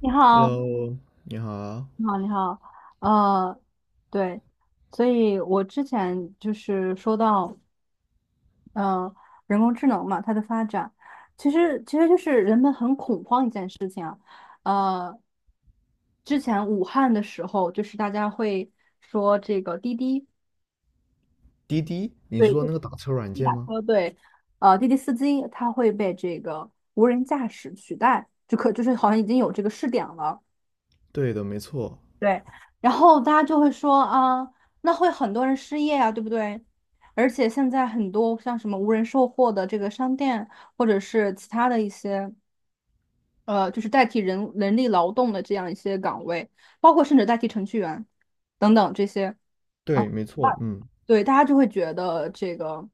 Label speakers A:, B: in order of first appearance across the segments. A: 你好，
B: Hello，你好，
A: 你好，你好，呃，对，所以我之前就是说到，呃，人工智能嘛，它的发展，其实就是人们很恐慌一件事情啊，呃，之前武汉的时候，就是大家会说这个滴滴，
B: 滴滴，你是
A: 对，
B: 说那
A: 滴
B: 个打车软
A: 滴
B: 件
A: 打
B: 吗？
A: 车，对，滴滴司机他会被这个无人驾驶取代，就是好像已经有这个试点了。
B: 对的，没错，
A: 对，然后大家就会说啊，那会很多人失业啊，对不对？而且现在很多像什么无人售货的这个商店，或者是其他的一些就是代替人力劳动的这样一些岗位，包括甚至代替程序员等等这些啊，
B: 对，没错，
A: 对，大家就会觉得这个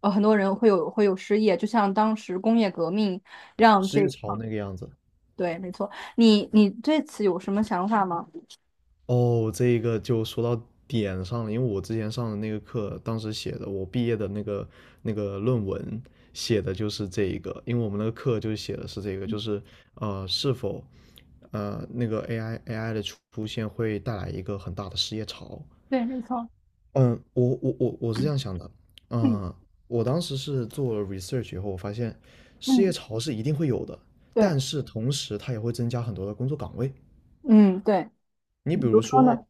A: 很多人会有失业，就像当时工业革命让
B: 是
A: 这
B: 一个潮那个样子。
A: 对，没错，你对此有什么想法吗？
B: 哦，这一个就说到点上了，因为我之前上的那个课，当时写的我毕业的那个论文写的就是这一个，因为我们那个课就写的是这个，就是是否那个 AI 的出现会带来一个很大的失业潮，
A: 对，没错，
B: 嗯，我是这样想的，
A: 嗯
B: 嗯，我当时是做了 research 以后，我发现失业
A: 嗯，
B: 潮是一定会有的，
A: 对。
B: 但是同时它也会增加很多的工作岗位。
A: 嗯，对，
B: 你
A: 比
B: 比
A: 如
B: 如
A: 说呢？
B: 说，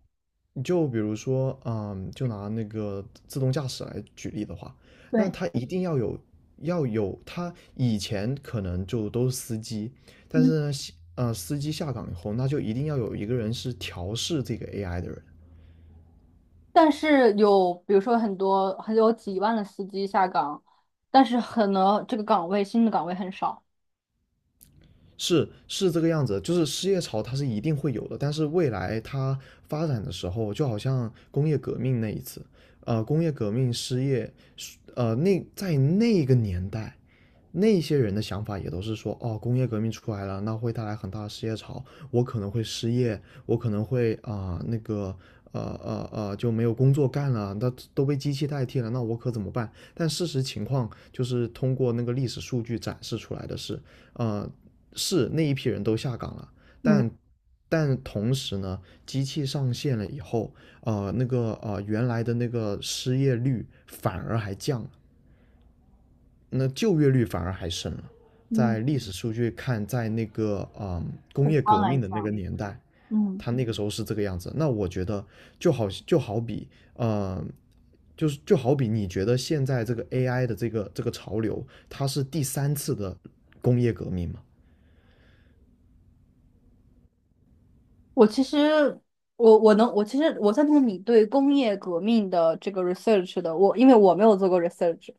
B: 就比如说，就拿那个自动驾驶来举例的话，那
A: 对，
B: 它一定要有，它以前可能就都是司机，但
A: 嗯，
B: 是呢，司机下岗以后，那就一定要有一个人是调试这个 AI 的人。
A: 但是有，比如说很多，很有几万的司机下岗，但是可能这个岗位新的岗位很少。
B: 是这个样子，就是失业潮它是一定会有的，但是未来它发展的时候，就好像工业革命那一次，工业革命失业，那在那个年代，那些人的想法也都是说，哦，工业革命出来了，那会带来很大的失业潮，我可能会失业，我可能会啊、那个。就没有工作干了，那都被机器代替了，那我可怎么办？但事实情况就是通过那个历史数据展示出来的是，呃，是那一批人都下岗了，
A: 嗯
B: 但但同时呢，机器上线了以后，那个原来的那个失业率反而还降了，那就业率反而还升了。
A: 嗯，
B: 在历史数据看，在那个工
A: 宏
B: 业
A: 观
B: 革
A: 来
B: 命的那个
A: 讲，
B: 年代，
A: 嗯，
B: 它那个时候是这个样子。那我觉得就好比呃。就是就好比你觉得现在这个 AI 的这个潮流，它是第三次的工业革命嘛？
A: 我其实我其实我赞同你对工业革命的这个 research 的，我因为我没有做过 research，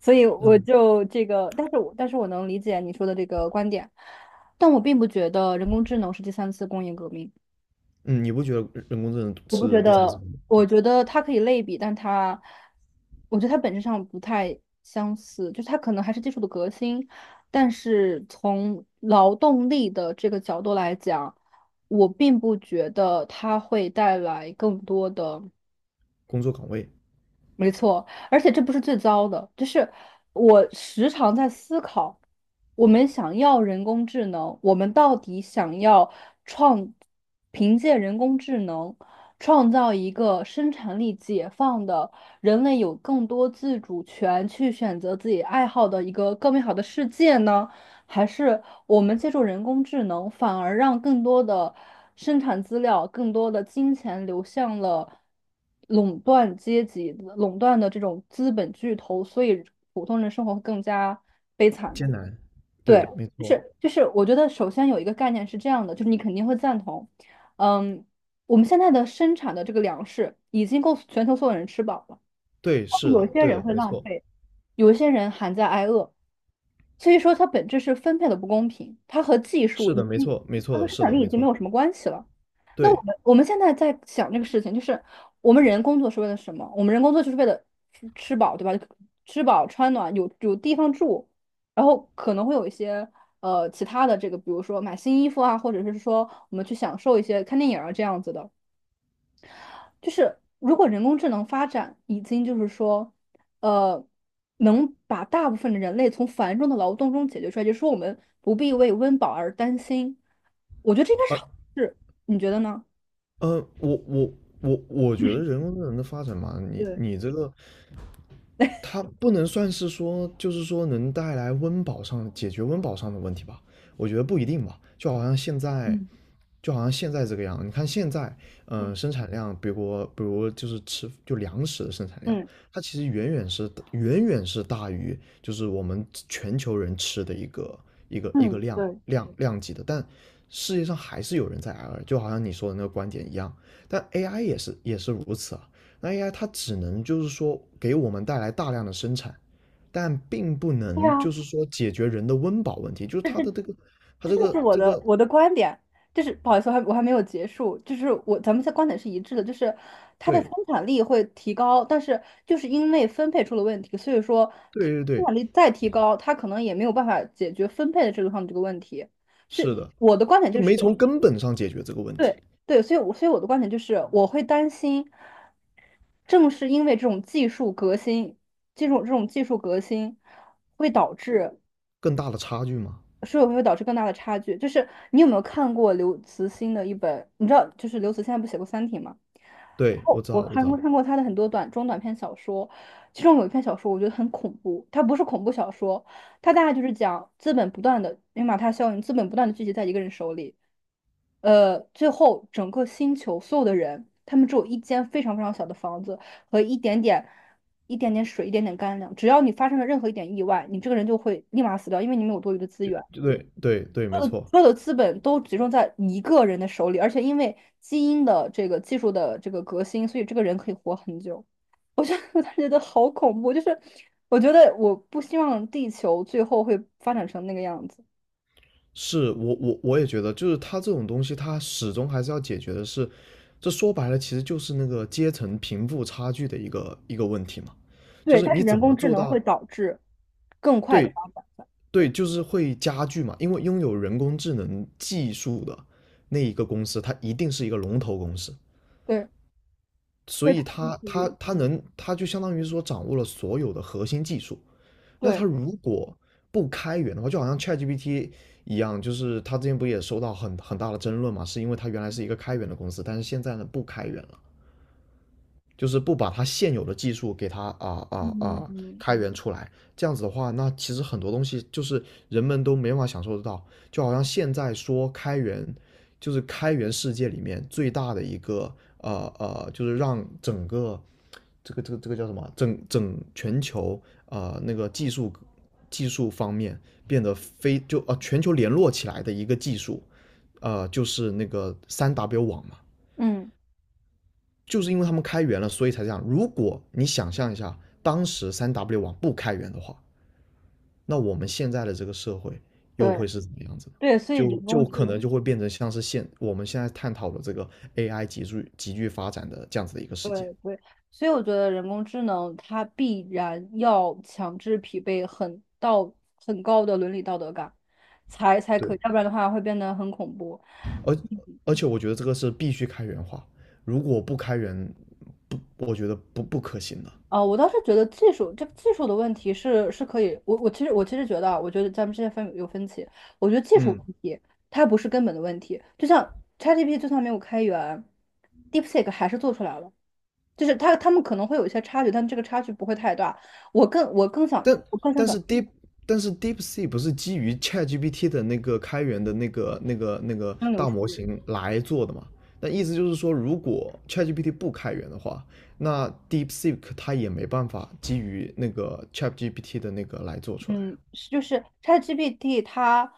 A: 所以我就这个，但是我能理解你说的这个观点，但我并不觉得人工智能是第三次工业革命。
B: 嗯，你不觉得人工智能
A: 我不觉
B: 是第三次
A: 得，我
B: 对
A: 觉得它可以类比，但它，我觉得它本质上不太相似，就是它可能还是技术的革新，但是从劳动力的这个角度来讲，我并不觉得它会带来更多的。
B: 工作岗位
A: 没错，而且这不是最糟的，就是我时常在思考，我们想要人工智能，我们到底想要创，凭借人工智能创造一个生产力解放的人类有更多自主权去选择自己爱好的一个更美好的世界呢，还是我们借助人工智能，反而让更多的生产资料、更多的金钱流向了垄断阶级、垄断的这种资本巨头，所以普通人生活会更加悲惨
B: 艰
A: 呢？
B: 难？
A: 对，
B: 对，没
A: 就
B: 错，
A: 是就是，我觉得首先有一个概念是这样的，就是你肯定会赞同，嗯，我们现在的生产的这个粮食已经够全球所有人吃饱了。
B: 对，是
A: 有
B: 的，
A: 些
B: 对
A: 人
B: 的，
A: 会
B: 没
A: 浪
B: 错，
A: 费，有些人还在挨饿，所以说它本质是分配的不公平，它和技术
B: 是
A: 已
B: 的，没
A: 经，
B: 错，没错
A: 它和
B: 的，
A: 生
B: 是
A: 产
B: 的，
A: 力已
B: 没
A: 经没
B: 错，
A: 有什么关系了。那我
B: 对，
A: 们我们现在在想这个事情，就是我们人工作是为了什么？我们人工作就是为了吃饱，对吧？吃饱穿暖，有地方住，然后可能会有一些其他的这个，比如说买新衣服啊，或者是说我们去享受一些看电影啊这样子的。就是如果人工智能发展已经就是说，呃，能把大部分的人类从繁重的劳动中解决出来，就是说我们不必为温饱而担心，我觉得这应该是
B: 啊，
A: 好事，你觉得呢？
B: 呃，我我我觉得人工智能的发展嘛，你
A: 对，
B: 你这个它不能算是说，就是说能带来温饱上解决温饱上的问题吧？我觉得不一定吧，就好像现在
A: 嗯
B: 就好像现在这个样，你看现在，
A: 嗯，
B: 生产量，比如就是吃就粮食的生产量，
A: 嗯
B: 它其实远远是大于就是我们全球人吃的一个一个
A: 嗯，
B: 量
A: 对，
B: 量量级的，但世界上还是有人在挨饿，就好像你说的那个观点一样，但 AI 也是如此啊，那 AI 它只能就是说给我们带来大量的生产，但并不
A: 对
B: 能就
A: 啊。
B: 是说解决人的温饱问题，就是它的这个它
A: 这
B: 这
A: 就是
B: 个
A: 我
B: 这
A: 的
B: 个
A: 我的观点，就是不好意思，我还没有结束，就是我咱们的观点是一致的，就是它的生
B: 对。
A: 产力会提高，但是就是因为分配出了问题，所以说它
B: 对对
A: 生
B: 对，
A: 产力再提高，它可能也没有办法解决分配的制度上的这个问题，所
B: 是
A: 以
B: 的，
A: 我的观点
B: 就
A: 就是，
B: 没从根本上解决这个问题，
A: 对对，所以我的观点就是，我会担心，正是因为这种技术革新，这种技术革新会导致。
B: 更大的差距嘛。
A: 是否会导致更大的差距。就是你有没有看过刘慈欣的一本？你知道，就是刘慈欣他不写过《三体》吗？然
B: 对，我
A: 后
B: 知
A: 我
B: 道，我知
A: 看过
B: 道，
A: 看过他的很多短中短篇小说，其中有一篇小说我觉得很恐怖，它不是恐怖小说，它大概就是讲资本不断的因为马太效应，资本不断的聚集在一个人手里，最后整个星球所有的人，他们只有一间非常非常小的房子和一点点、一点点水、一点点干粮。只要你发生了任何一点意外，你这个人就会立马死掉，因为你没有多余的资
B: 就
A: 源。
B: 就对对对，没错，
A: 所有的资本都集中在一个人的手里，而且因为基因的这个技术的这个革新，所以这个人可以活很久。我觉得 我当时觉得好恐怖，就是我觉得我不希望地球最后会发展成那个样子。
B: 是我也觉得，就是它这种东西，它始终还是要解决的是，这说白了其实就是那个阶层贫富差距的一个问题嘛，就
A: 对，
B: 是
A: 但是
B: 你怎
A: 人
B: 么
A: 工智
B: 做
A: 能会
B: 到
A: 导致更快的
B: 对
A: 发展。
B: 对，就是会加剧嘛，因为拥有人工智能技术的那一个公司，它一定是一个龙头公司，
A: 对，
B: 所
A: 对，
B: 以
A: 它就
B: 他
A: 是
B: 他
A: 永
B: 他能，他就相当于说掌握了所有的核心技术。那
A: 对，
B: 他如果不开源的话，就好像 ChatGPT 一样，就是他之前不也收到很大的争论嘛，是因为他原来是一个开源的公司，但是现在呢不开源了。就是不把它现有的技术给它
A: 嗯嗯
B: 开源出来，这样子的话，那其实很多东西就是人们都没办法享受得到。就好像现在说开源，就是开源世界里面最大的一个就是让整个这个叫什么？全球那个技术方面变得非就全球联络起来的一个技术，就是那个三 W 网嘛。
A: 嗯，
B: 就是因为他们开源了，所以才这样。如果你想象一下，当时三 W 网不开源的话，那我们现在的这个社会又会
A: 对
B: 是怎么样子呢？
A: 对，所以
B: 就
A: 人
B: 就
A: 工智
B: 可
A: 能。
B: 能就会变成像是我们现在探讨的这个 AI 急剧发展的这样子的一个世界。
A: 对对，所以我觉得人工智能它必然要强制匹配很高的伦理道德感，才可
B: 对，
A: 以，要不然的话会变得很恐怖。
B: 而而且我觉得这个是必须开源化，如果不开源，不，我觉得不可行的。
A: 啊、我倒是觉得技术这个技术的问题是是可以，我其实觉得啊，我觉得咱们之间有分歧，我觉得技术
B: 嗯，
A: 问题它不是根本的问题，就像 ChatGPT 就算没有开源，DeepSeek 还是做出来了。就是他们可能会有一些差距，但这个差距不会太大。我更我更想
B: 但
A: 我更想
B: 但
A: 表
B: 是
A: 达
B: Deep 但是 DeepSeek 不是基于 ChatGPT 的那个开源的那个
A: 真流
B: 大
A: 数
B: 模
A: 据。
B: 型来做的嘛？那意思就是说，如果 ChatGPT 不开源的话，那 DeepSeek 它也没办法基于那个 ChatGPT 的那个来做出来
A: 嗯，是就是 ChatGPT 它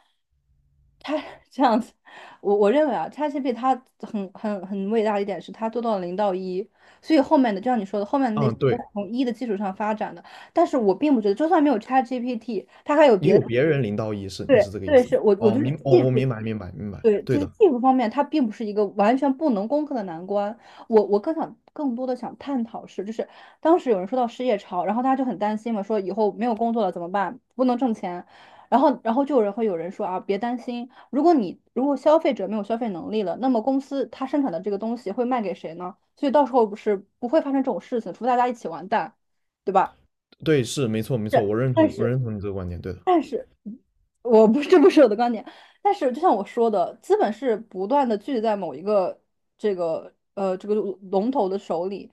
A: 它 这样子，我认为啊，ChatGPT 它很伟大的一点是它做到了零到一，所以后面的就像你说的，后面的
B: 啊。
A: 那
B: 嗯，
A: 些都
B: 对，
A: 是从一的基础上发展的。但是我并不觉得，就算没有 ChatGPT，它还有
B: 也
A: 别
B: 有
A: 的。
B: 别人领导意识，你是
A: 对
B: 这个意
A: 对，
B: 思
A: 是
B: 吗？
A: 我
B: 哦，
A: 觉得
B: 哦，
A: 技
B: 我
A: 术
B: 明白，明白，明白，
A: 对，
B: 对
A: 就是
B: 的，
A: 技术方面，它并不是一个完全不能攻克的难关。我更多的想探讨是，就是当时有人说到失业潮，然后大家就很担心嘛，说以后没有工作了怎么办？不能挣钱。然后就有人会有人说啊，别担心，如果你如果消费者没有消费能力了，那么公司它生产的这个东西会卖给谁呢？所以到时候不是不会发生这种事情，除非大家一起完蛋，对吧？
B: 对，是没错，没错，
A: 是，
B: 我认
A: 但
B: 同，我
A: 是。
B: 认同你这个观点，对的，
A: 但是，我不，这不是我的观点。但是，就像我说的，资本是不断的聚集在某一个这个龙头的手里。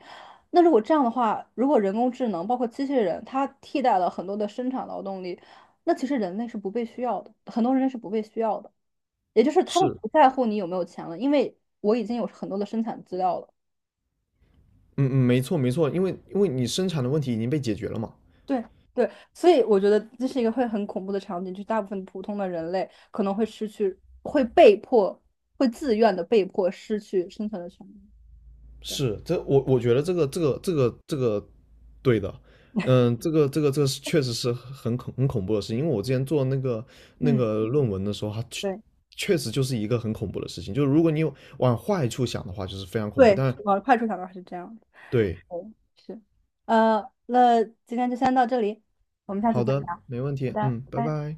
A: 那如果这样的话，如果人工智能包括机器人，它替代了很多的生产劳动力，那其实人类是不被需要的，很多人类是不被需要的。也就是他们
B: 是，
A: 不在乎你有没有钱了，因为我已经有很多的生产资料了。
B: 嗯嗯，没错，没错，因为你生产的问题已经被解决了嘛。
A: 对对，所以我觉得这是一个会很恐怖的场景，就是大部分普通的人类可能会失去，会被迫，会自愿的被迫失去生存的权利。对，
B: 是，这我觉得这个对的，嗯，这个是确实是很恐怖的事情，因为我之前做那个那
A: 嗯，
B: 个论文的时候，它确
A: 对
B: 确实就是一个很恐怖的事情，就是如果你有往坏处想的话，就是非常恐怖。
A: 对，
B: 但
A: 是往坏处想的话是这样的。
B: 对，
A: 对，是，那今天就先到这里，我们下
B: 好
A: 次再
B: 的，
A: 聊。
B: 没问
A: 好
B: 题，
A: 的，
B: 嗯，拜
A: 拜。
B: 拜。